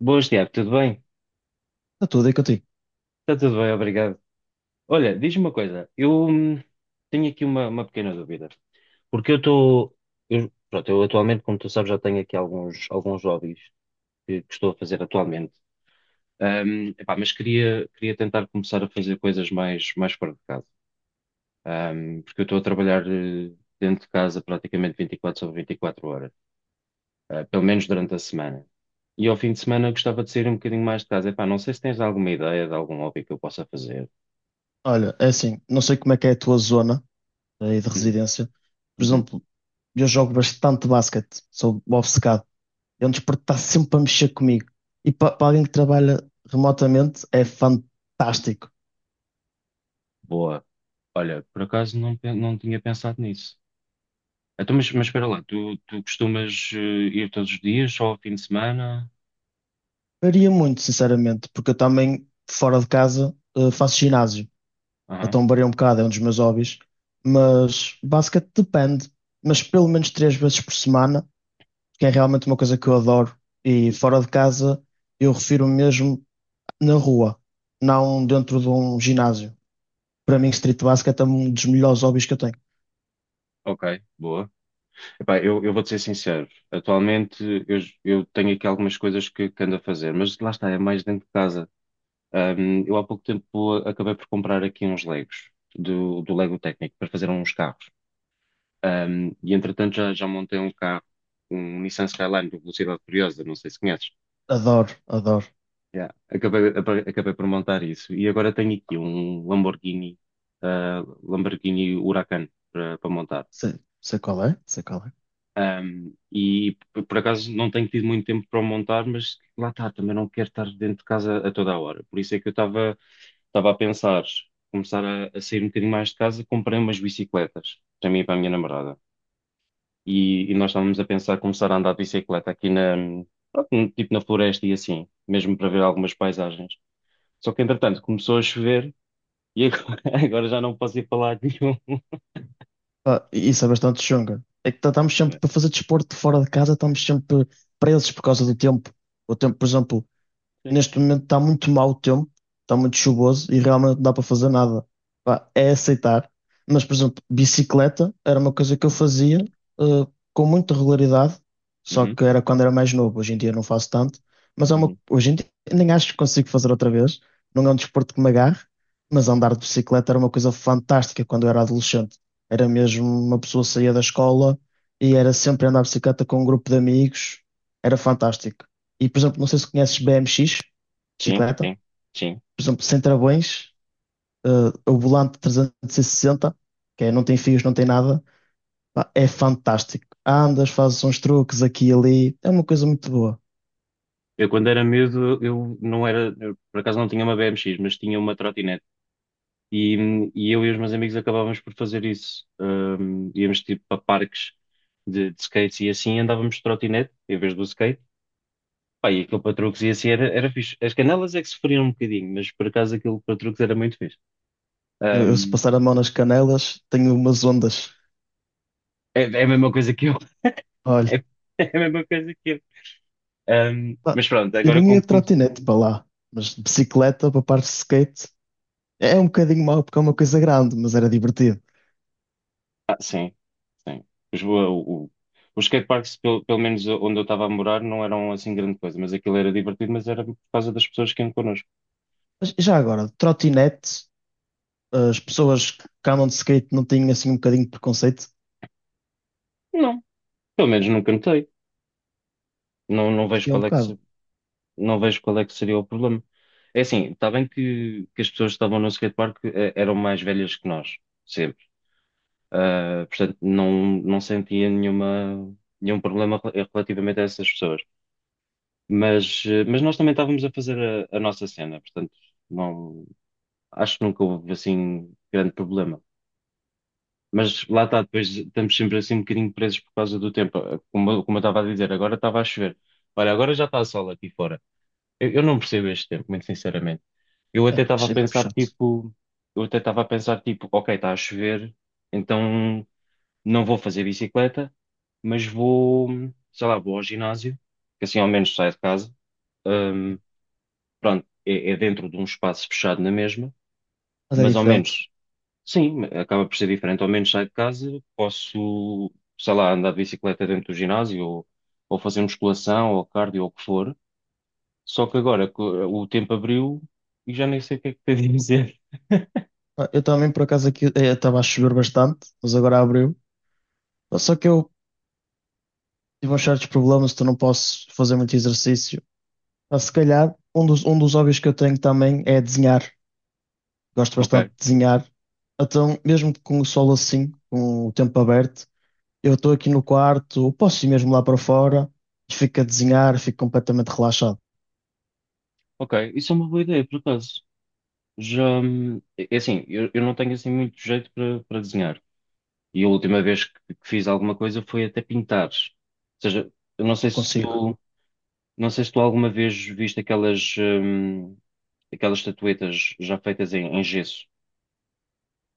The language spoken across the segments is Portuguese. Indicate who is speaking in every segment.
Speaker 1: Boas, Tiago, tudo bem?
Speaker 2: Está tudo aí contigo.
Speaker 1: Está tudo bem, obrigado. Olha, diz-me uma coisa, eu tenho aqui uma pequena dúvida, porque pronto, eu atualmente, como tu sabes, já tenho aqui alguns, hobbies que estou a fazer atualmente. Epá, mas queria, tentar começar a fazer coisas mais fora de casa. Porque eu estou a trabalhar dentro de casa praticamente 24 sobre 24 horas, pelo menos durante a semana. E ao fim de semana eu gostava de sair um bocadinho mais de casa. Epá, não sei se tens alguma ideia de algum hobby que eu possa fazer.
Speaker 2: Olha, é assim, não sei como é que é a tua zona aí de
Speaker 1: Hum.
Speaker 2: residência. Por
Speaker 1: Uhum.
Speaker 2: exemplo, eu jogo bastante basquete, sou obcecado. É um desporto que está sempre a mexer comigo. E para alguém que trabalha remotamente, é fantástico.
Speaker 1: Boa. Olha, por acaso não tinha pensado nisso. Então, mas espera lá, tu costumas ir todos os dias, só ao fim de semana?
Speaker 2: Varia muito, sinceramente, porque eu também, fora de casa, faço ginásio.
Speaker 1: Aham.
Speaker 2: Então varia um bocado, é um dos meus hobbies. Mas basquete depende, mas pelo menos três vezes por semana, que é realmente uma coisa que eu adoro. E fora de casa, eu refiro mesmo. Na rua, não dentro de um ginásio. Para mim, street basket é um dos melhores hobbies que eu tenho.
Speaker 1: Ok, boa. Epá, eu vou-te ser sincero. Atualmente eu tenho aqui algumas coisas que ando a fazer, mas lá está, é mais dentro de casa. Eu há pouco tempo acabei por comprar aqui uns Legos do Lego Técnico para fazer uns carros. E entretanto já montei um carro, um Nissan Skyline de Velocidade Furiosa, não sei se conheces.
Speaker 2: Adoro, adoro.
Speaker 1: Yeah. Acabei por montar isso. E agora tenho aqui um Lamborghini Huracan para montar.
Speaker 2: Sei, sei qual é, sei qual é.
Speaker 1: E por acaso não tenho tido muito tempo para o montar, mas lá está, também não quero estar dentro de casa a toda a hora. Por isso é que eu estava a pensar começar a sair um bocadinho mais de casa, comprei umas bicicletas para mim e para a minha namorada. E nós estávamos a pensar começar a andar de bicicleta aqui pronto, tipo na floresta e assim, mesmo para ver algumas paisagens. Só que entretanto começou a chover. E agora, agora já não posso ir falar de nenhum.
Speaker 2: Pá, isso é bastante chunga. É que estamos
Speaker 1: Não
Speaker 2: sempre
Speaker 1: é?
Speaker 2: para fazer desporto fora de casa, estamos sempre presos por causa do tempo. O tempo, por exemplo,
Speaker 1: Sim.
Speaker 2: neste momento está muito mau o tempo, está muito chuvoso e realmente não dá para fazer nada. Pá, é aceitar. Mas, por exemplo, bicicleta era uma coisa que eu fazia, eh, com muita regularidade, só
Speaker 1: Uhum,
Speaker 2: que era quando era mais novo. Hoje em dia não faço tanto, mas é uma,
Speaker 1: uhum.
Speaker 2: hoje em dia nem acho que consigo fazer outra vez. Não é um desporto que me agarre, mas andar de bicicleta era uma coisa fantástica quando eu era adolescente. Era mesmo uma pessoa que saía da escola e era sempre andar de bicicleta com um grupo de amigos. Era fantástico. E, por exemplo, não sei se conheces BMX,
Speaker 1: Sim,
Speaker 2: bicicleta.
Speaker 1: sim. Sim.
Speaker 2: Por exemplo, sem travões, eh, o volante 360, que é, não tem fios, não tem nada, pá, é fantástico. Andas, fazes uns truques aqui e ali, é uma coisa muito boa.
Speaker 1: Eu, quando era miúdo, eu não era, eu, por acaso não tinha uma BMX, mas tinha uma trotinete. E eu e os meus amigos acabávamos por fazer isso. Íamos tipo para parques de skates e assim andávamos de trotinete em vez do skate. Pá, e aquilo para truques e assim era fixe. As canelas é que sofriam um bocadinho, mas por acaso aquilo para truques era muito fixe.
Speaker 2: Eu, se
Speaker 1: Ahm,
Speaker 2: passar a mão nas canelas, tenho umas ondas.
Speaker 1: é a mesma coisa que eu.
Speaker 2: Olha,
Speaker 1: É, a mesma coisa que eu. Ahm,
Speaker 2: pá,
Speaker 1: mas pronto,
Speaker 2: eu
Speaker 1: agora
Speaker 2: não ia
Speaker 1: como,
Speaker 2: de
Speaker 1: como-
Speaker 2: trotinete para lá, mas de bicicleta para parte de skate é um bocadinho mau porque é uma coisa grande, mas era divertido.
Speaker 1: Ah, sim, sim. Os, o, o, os skateparks, pelo menos onde eu estava a morar, não eram assim grande coisa, mas aquilo era divertido, mas era por causa das pessoas que iam connosco.
Speaker 2: Mas já agora, de trotinete, as pessoas que andam de skate não têm assim um bocadinho de preconceito?
Speaker 1: Não, pelo menos nunca notei. Não, não vejo
Speaker 2: Curti um
Speaker 1: qual é que,
Speaker 2: bocado.
Speaker 1: se- Não vejo qual é que seria o problema. É assim, está bem que as pessoas que estavam no skatepark eram mais velhas que nós, sempre. Ah, portanto, não sentia nenhum problema relativamente a essas pessoas. Mas nós também estávamos a fazer a nossa cena, portanto, não, acho que nunca houve assim grande problema. Mas lá está, depois estamos sempre assim um bocadinho presos por causa do tempo. Como eu estava a dizer, agora estava a chover. Olha, agora já está a sol aqui fora. Eu não percebo este tempo, muito sinceramente. Eu até estava a
Speaker 2: Achei meio
Speaker 1: pensar
Speaker 2: chato.
Speaker 1: tipo, eu até estava a pensar tipo, ok, está a chover, então não vou fazer bicicleta, mas vou, sei lá, vou ao ginásio, que assim ao menos saio de casa. Hum, Pronto, é dentro de um espaço fechado na mesma,
Speaker 2: Mas é
Speaker 1: mas ao
Speaker 2: diferente.
Speaker 1: menos, sim, acaba por ser diferente. Ao menos saio de casa, posso, sei lá, andar de bicicleta dentro do ginásio ou, fazer musculação ou cardio ou o que for. Só que agora o tempo abriu e já nem sei o que é que tenho de dizer.
Speaker 2: Ah, eu também, por acaso, aqui estava a chover bastante, mas agora abriu. Ah, só que eu tive uns certos problemas, então não posso fazer muito exercício. Ah, se calhar, um dos hobbies que eu tenho também é desenhar. Gosto
Speaker 1: Ok,
Speaker 2: bastante de desenhar. Então, mesmo com o sol assim, com o tempo aberto, eu estou aqui no quarto, ou posso ir mesmo lá para fora e fico a desenhar, fico completamente relaxado.
Speaker 1: ok. Isso é uma boa ideia, por acaso. Já, é assim, eu não tenho assim muito jeito para desenhar. E a última vez que fiz alguma coisa foi até pintar. Ou seja, eu não sei
Speaker 2: Não
Speaker 1: se
Speaker 2: consigo.
Speaker 1: tu. Não sei se tu alguma vez viste aquelas estatuetas já feitas em gesso.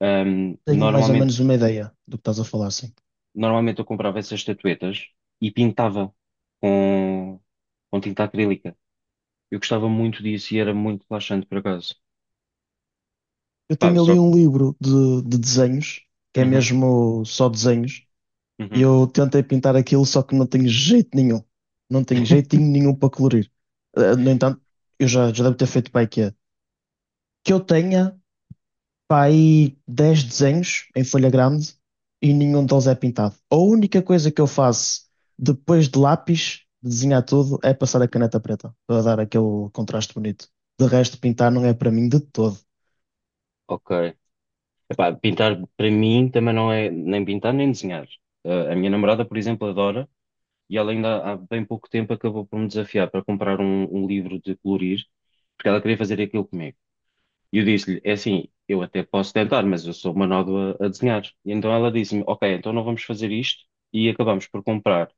Speaker 1: Hum,
Speaker 2: Tenho mais ou
Speaker 1: normalmente,
Speaker 2: menos uma ideia do que estás a falar, sim.
Speaker 1: normalmente, eu comprava essas estatuetas e pintava com, com tinta acrílica. Eu gostava muito disso e era muito relaxante, por acaso.
Speaker 2: Eu
Speaker 1: Pá, eu
Speaker 2: tenho ali
Speaker 1: só.
Speaker 2: um livro de desenhos, que é
Speaker 1: Uhum,
Speaker 2: mesmo só desenhos, e
Speaker 1: uhum.
Speaker 2: eu tentei pintar aquilo, só que não tenho jeito nenhum. Não tenho jeitinho nenhum para colorir. No entanto, eu já devo ter feito para aí que é. Que eu tenha para aí 10 desenhos em folha grande e nenhum deles é pintado. A única coisa que eu faço depois de lápis, de desenhar tudo, é passar a caneta preta, para dar aquele contraste bonito. De resto, pintar não é para mim de todo.
Speaker 1: Ok. Epá, pintar para mim também não é nem pintar nem desenhar. A minha namorada, por exemplo, adora e ela ainda há bem pouco tempo acabou por me desafiar para comprar um livro de colorir porque ela queria fazer aquilo comigo. E eu disse-lhe, é assim, eu até posso tentar, mas eu sou uma nódoa a desenhar. E então ela disse-me, ok, então não vamos fazer isto e acabamos por comprar.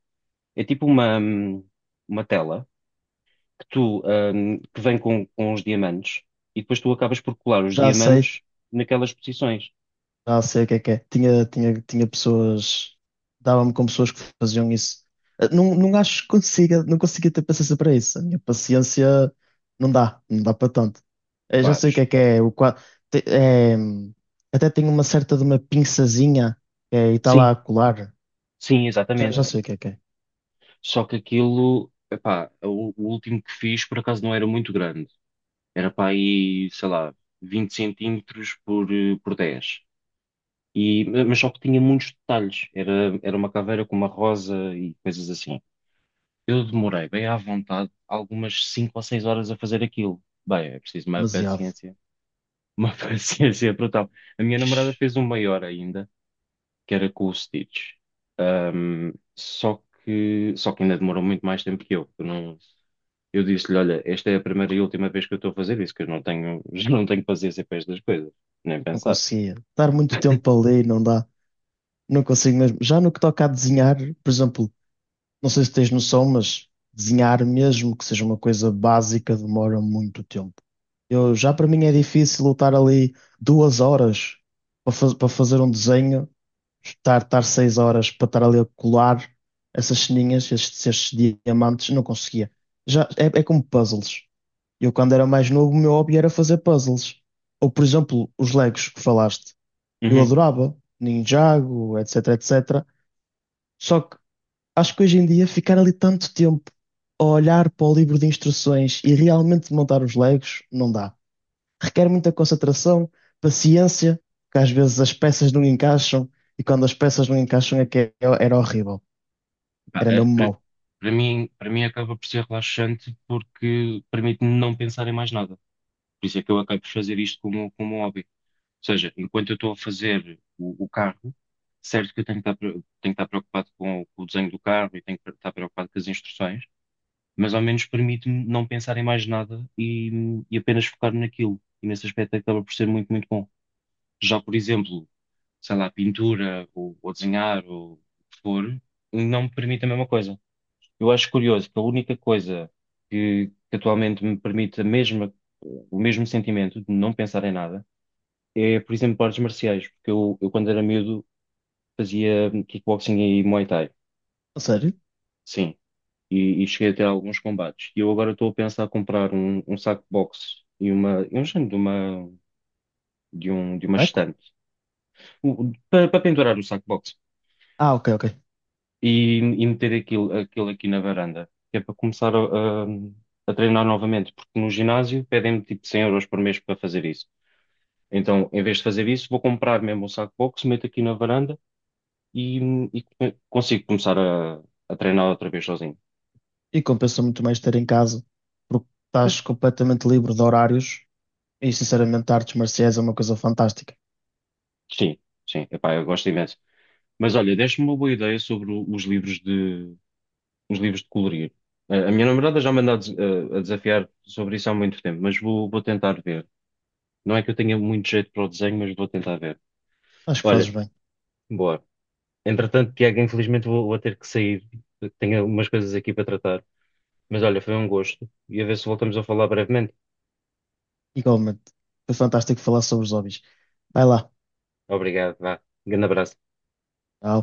Speaker 1: É tipo uma tela que vem com os diamantes e depois tu acabas por colar os
Speaker 2: Já sei,
Speaker 1: diamantes naquelas posições.
Speaker 2: ah, sei o que é que é. Tinha pessoas. Dava-me com pessoas que faziam isso. Ah, não, não acho que consiga, não conseguia ter paciência para isso. A minha paciência não dá, não dá para tanto. Eu já
Speaker 1: Epá,
Speaker 2: sei o que é que é. Te- é até tenho uma certa de uma pinçazinha é, e está
Speaker 1: sim,
Speaker 2: lá a colar.
Speaker 1: sim,
Speaker 2: Já,
Speaker 1: exatamente.
Speaker 2: já sei o que é que é.
Speaker 1: Só que aquilo, epá, o último que fiz por acaso não era muito grande. Era para aí, sei lá, 20 centímetros por 10. E, mas só que tinha muitos detalhes. Era uma caveira com uma rosa e coisas assim. Eu demorei bem à vontade algumas 5 ou 6 horas a fazer aquilo. Bem, é preciso uma
Speaker 2: Demasiado.
Speaker 1: paciência. Uma paciência brutal. A minha namorada fez um maior ainda, que era com o Stitch. Só que ainda demorou muito mais tempo que eu. Eu não, eu disse-lhe, olha, esta é a primeira e última vez que eu estou a fazer isso, que eu não tenho, já não tenho paciência para estas coisas. Nem
Speaker 2: Não
Speaker 1: pensar.
Speaker 2: conseguia. Dar muito tempo a ler, não dá. Não consigo mesmo. Já no que toca a desenhar, por exemplo. Não sei se tens noção, mas desenhar, mesmo que seja uma coisa básica, demora muito tempo. Eu, já para mim é
Speaker 1: Sim.
Speaker 2: difícil lutar ali 2 horas para, para fazer um desenho, estar 6 horas para estar ali a colar essas ceninhas, estes diamantes, não conseguia. Já, é, é como puzzles. Eu, quando era mais novo, o meu hobby era fazer puzzles. Ou, por exemplo, os Legos que falaste. Eu
Speaker 1: Uhum.
Speaker 2: adorava, Ninjago, etc, etc. Só que Acho que hoje em dia ficar ali tanto tempo a olhar para o livro de instruções e realmente montar os Legos não dá. Requer muita concentração, paciência, porque às vezes as peças não encaixam e quando as peças não encaixam é que era horrível.
Speaker 1: Pá,
Speaker 2: Era mesmo
Speaker 1: para
Speaker 2: mau.
Speaker 1: para mim, para mim acaba por ser relaxante porque permite-me não pensar em mais nada. Por isso é que eu acabo por fazer isto como um hobby. Ou seja, enquanto eu estou a fazer o carro, certo que eu tenho que estar preocupado com o desenho do carro e tenho que estar preocupado com as instruções, mas ao menos permite-me não pensar em mais nada e apenas focar naquilo. E nesse aspecto acaba por ser muito, muito bom. Já, por exemplo, sei lá, pintura ou, desenhar ou o que for, não me permite a mesma coisa. Eu acho curioso que a única coisa que atualmente me permite o mesmo sentimento de não pensar em nada é, por exemplo, artes marciais, porque eu quando era miúdo fazia kickboxing e Muay Thai,
Speaker 2: A sério?
Speaker 1: sim, e cheguei a ter alguns combates. E eu agora estou a pensar em comprar um saco de boxe e um género de uma
Speaker 2: Buraco?
Speaker 1: estante. Para pendurar o saco de boxe.
Speaker 2: Ah, ok, ok.
Speaker 1: E meter aquilo aqui na varanda, que é para começar a treinar novamente, porque no ginásio pedem-me tipo 100 euros por mês para fazer isso. Então, em vez de fazer isso, vou comprar mesmo um saco de boxe, meto aqui na varanda e, e consigo começar a treinar outra vez sozinho.
Speaker 2: E compensa muito mais ter em casa, porque estás completamente livre de horários e sinceramente artes marciais é uma coisa fantástica.
Speaker 1: Sim, sim, epá, eu gosto imenso. Mas olha, deste-me uma boa ideia sobre os livros de colorir. A minha namorada já me anda a desafiar sobre isso há muito tempo, mas vou tentar ver. Não é que eu tenha muito jeito para o desenho, mas vou tentar ver.
Speaker 2: Acho que
Speaker 1: Olha,
Speaker 2: fazes bem.
Speaker 1: boa. Entretanto, Tiago, infelizmente vou ter que sair. Tenho algumas coisas aqui para tratar. Mas olha, foi um gosto. E a ver se voltamos a falar brevemente.
Speaker 2: Igualmente. Foi fantástico falar sobre os hobbies. Vai lá.
Speaker 1: Obrigado, vá. Grande abraço.
Speaker 2: Tchau.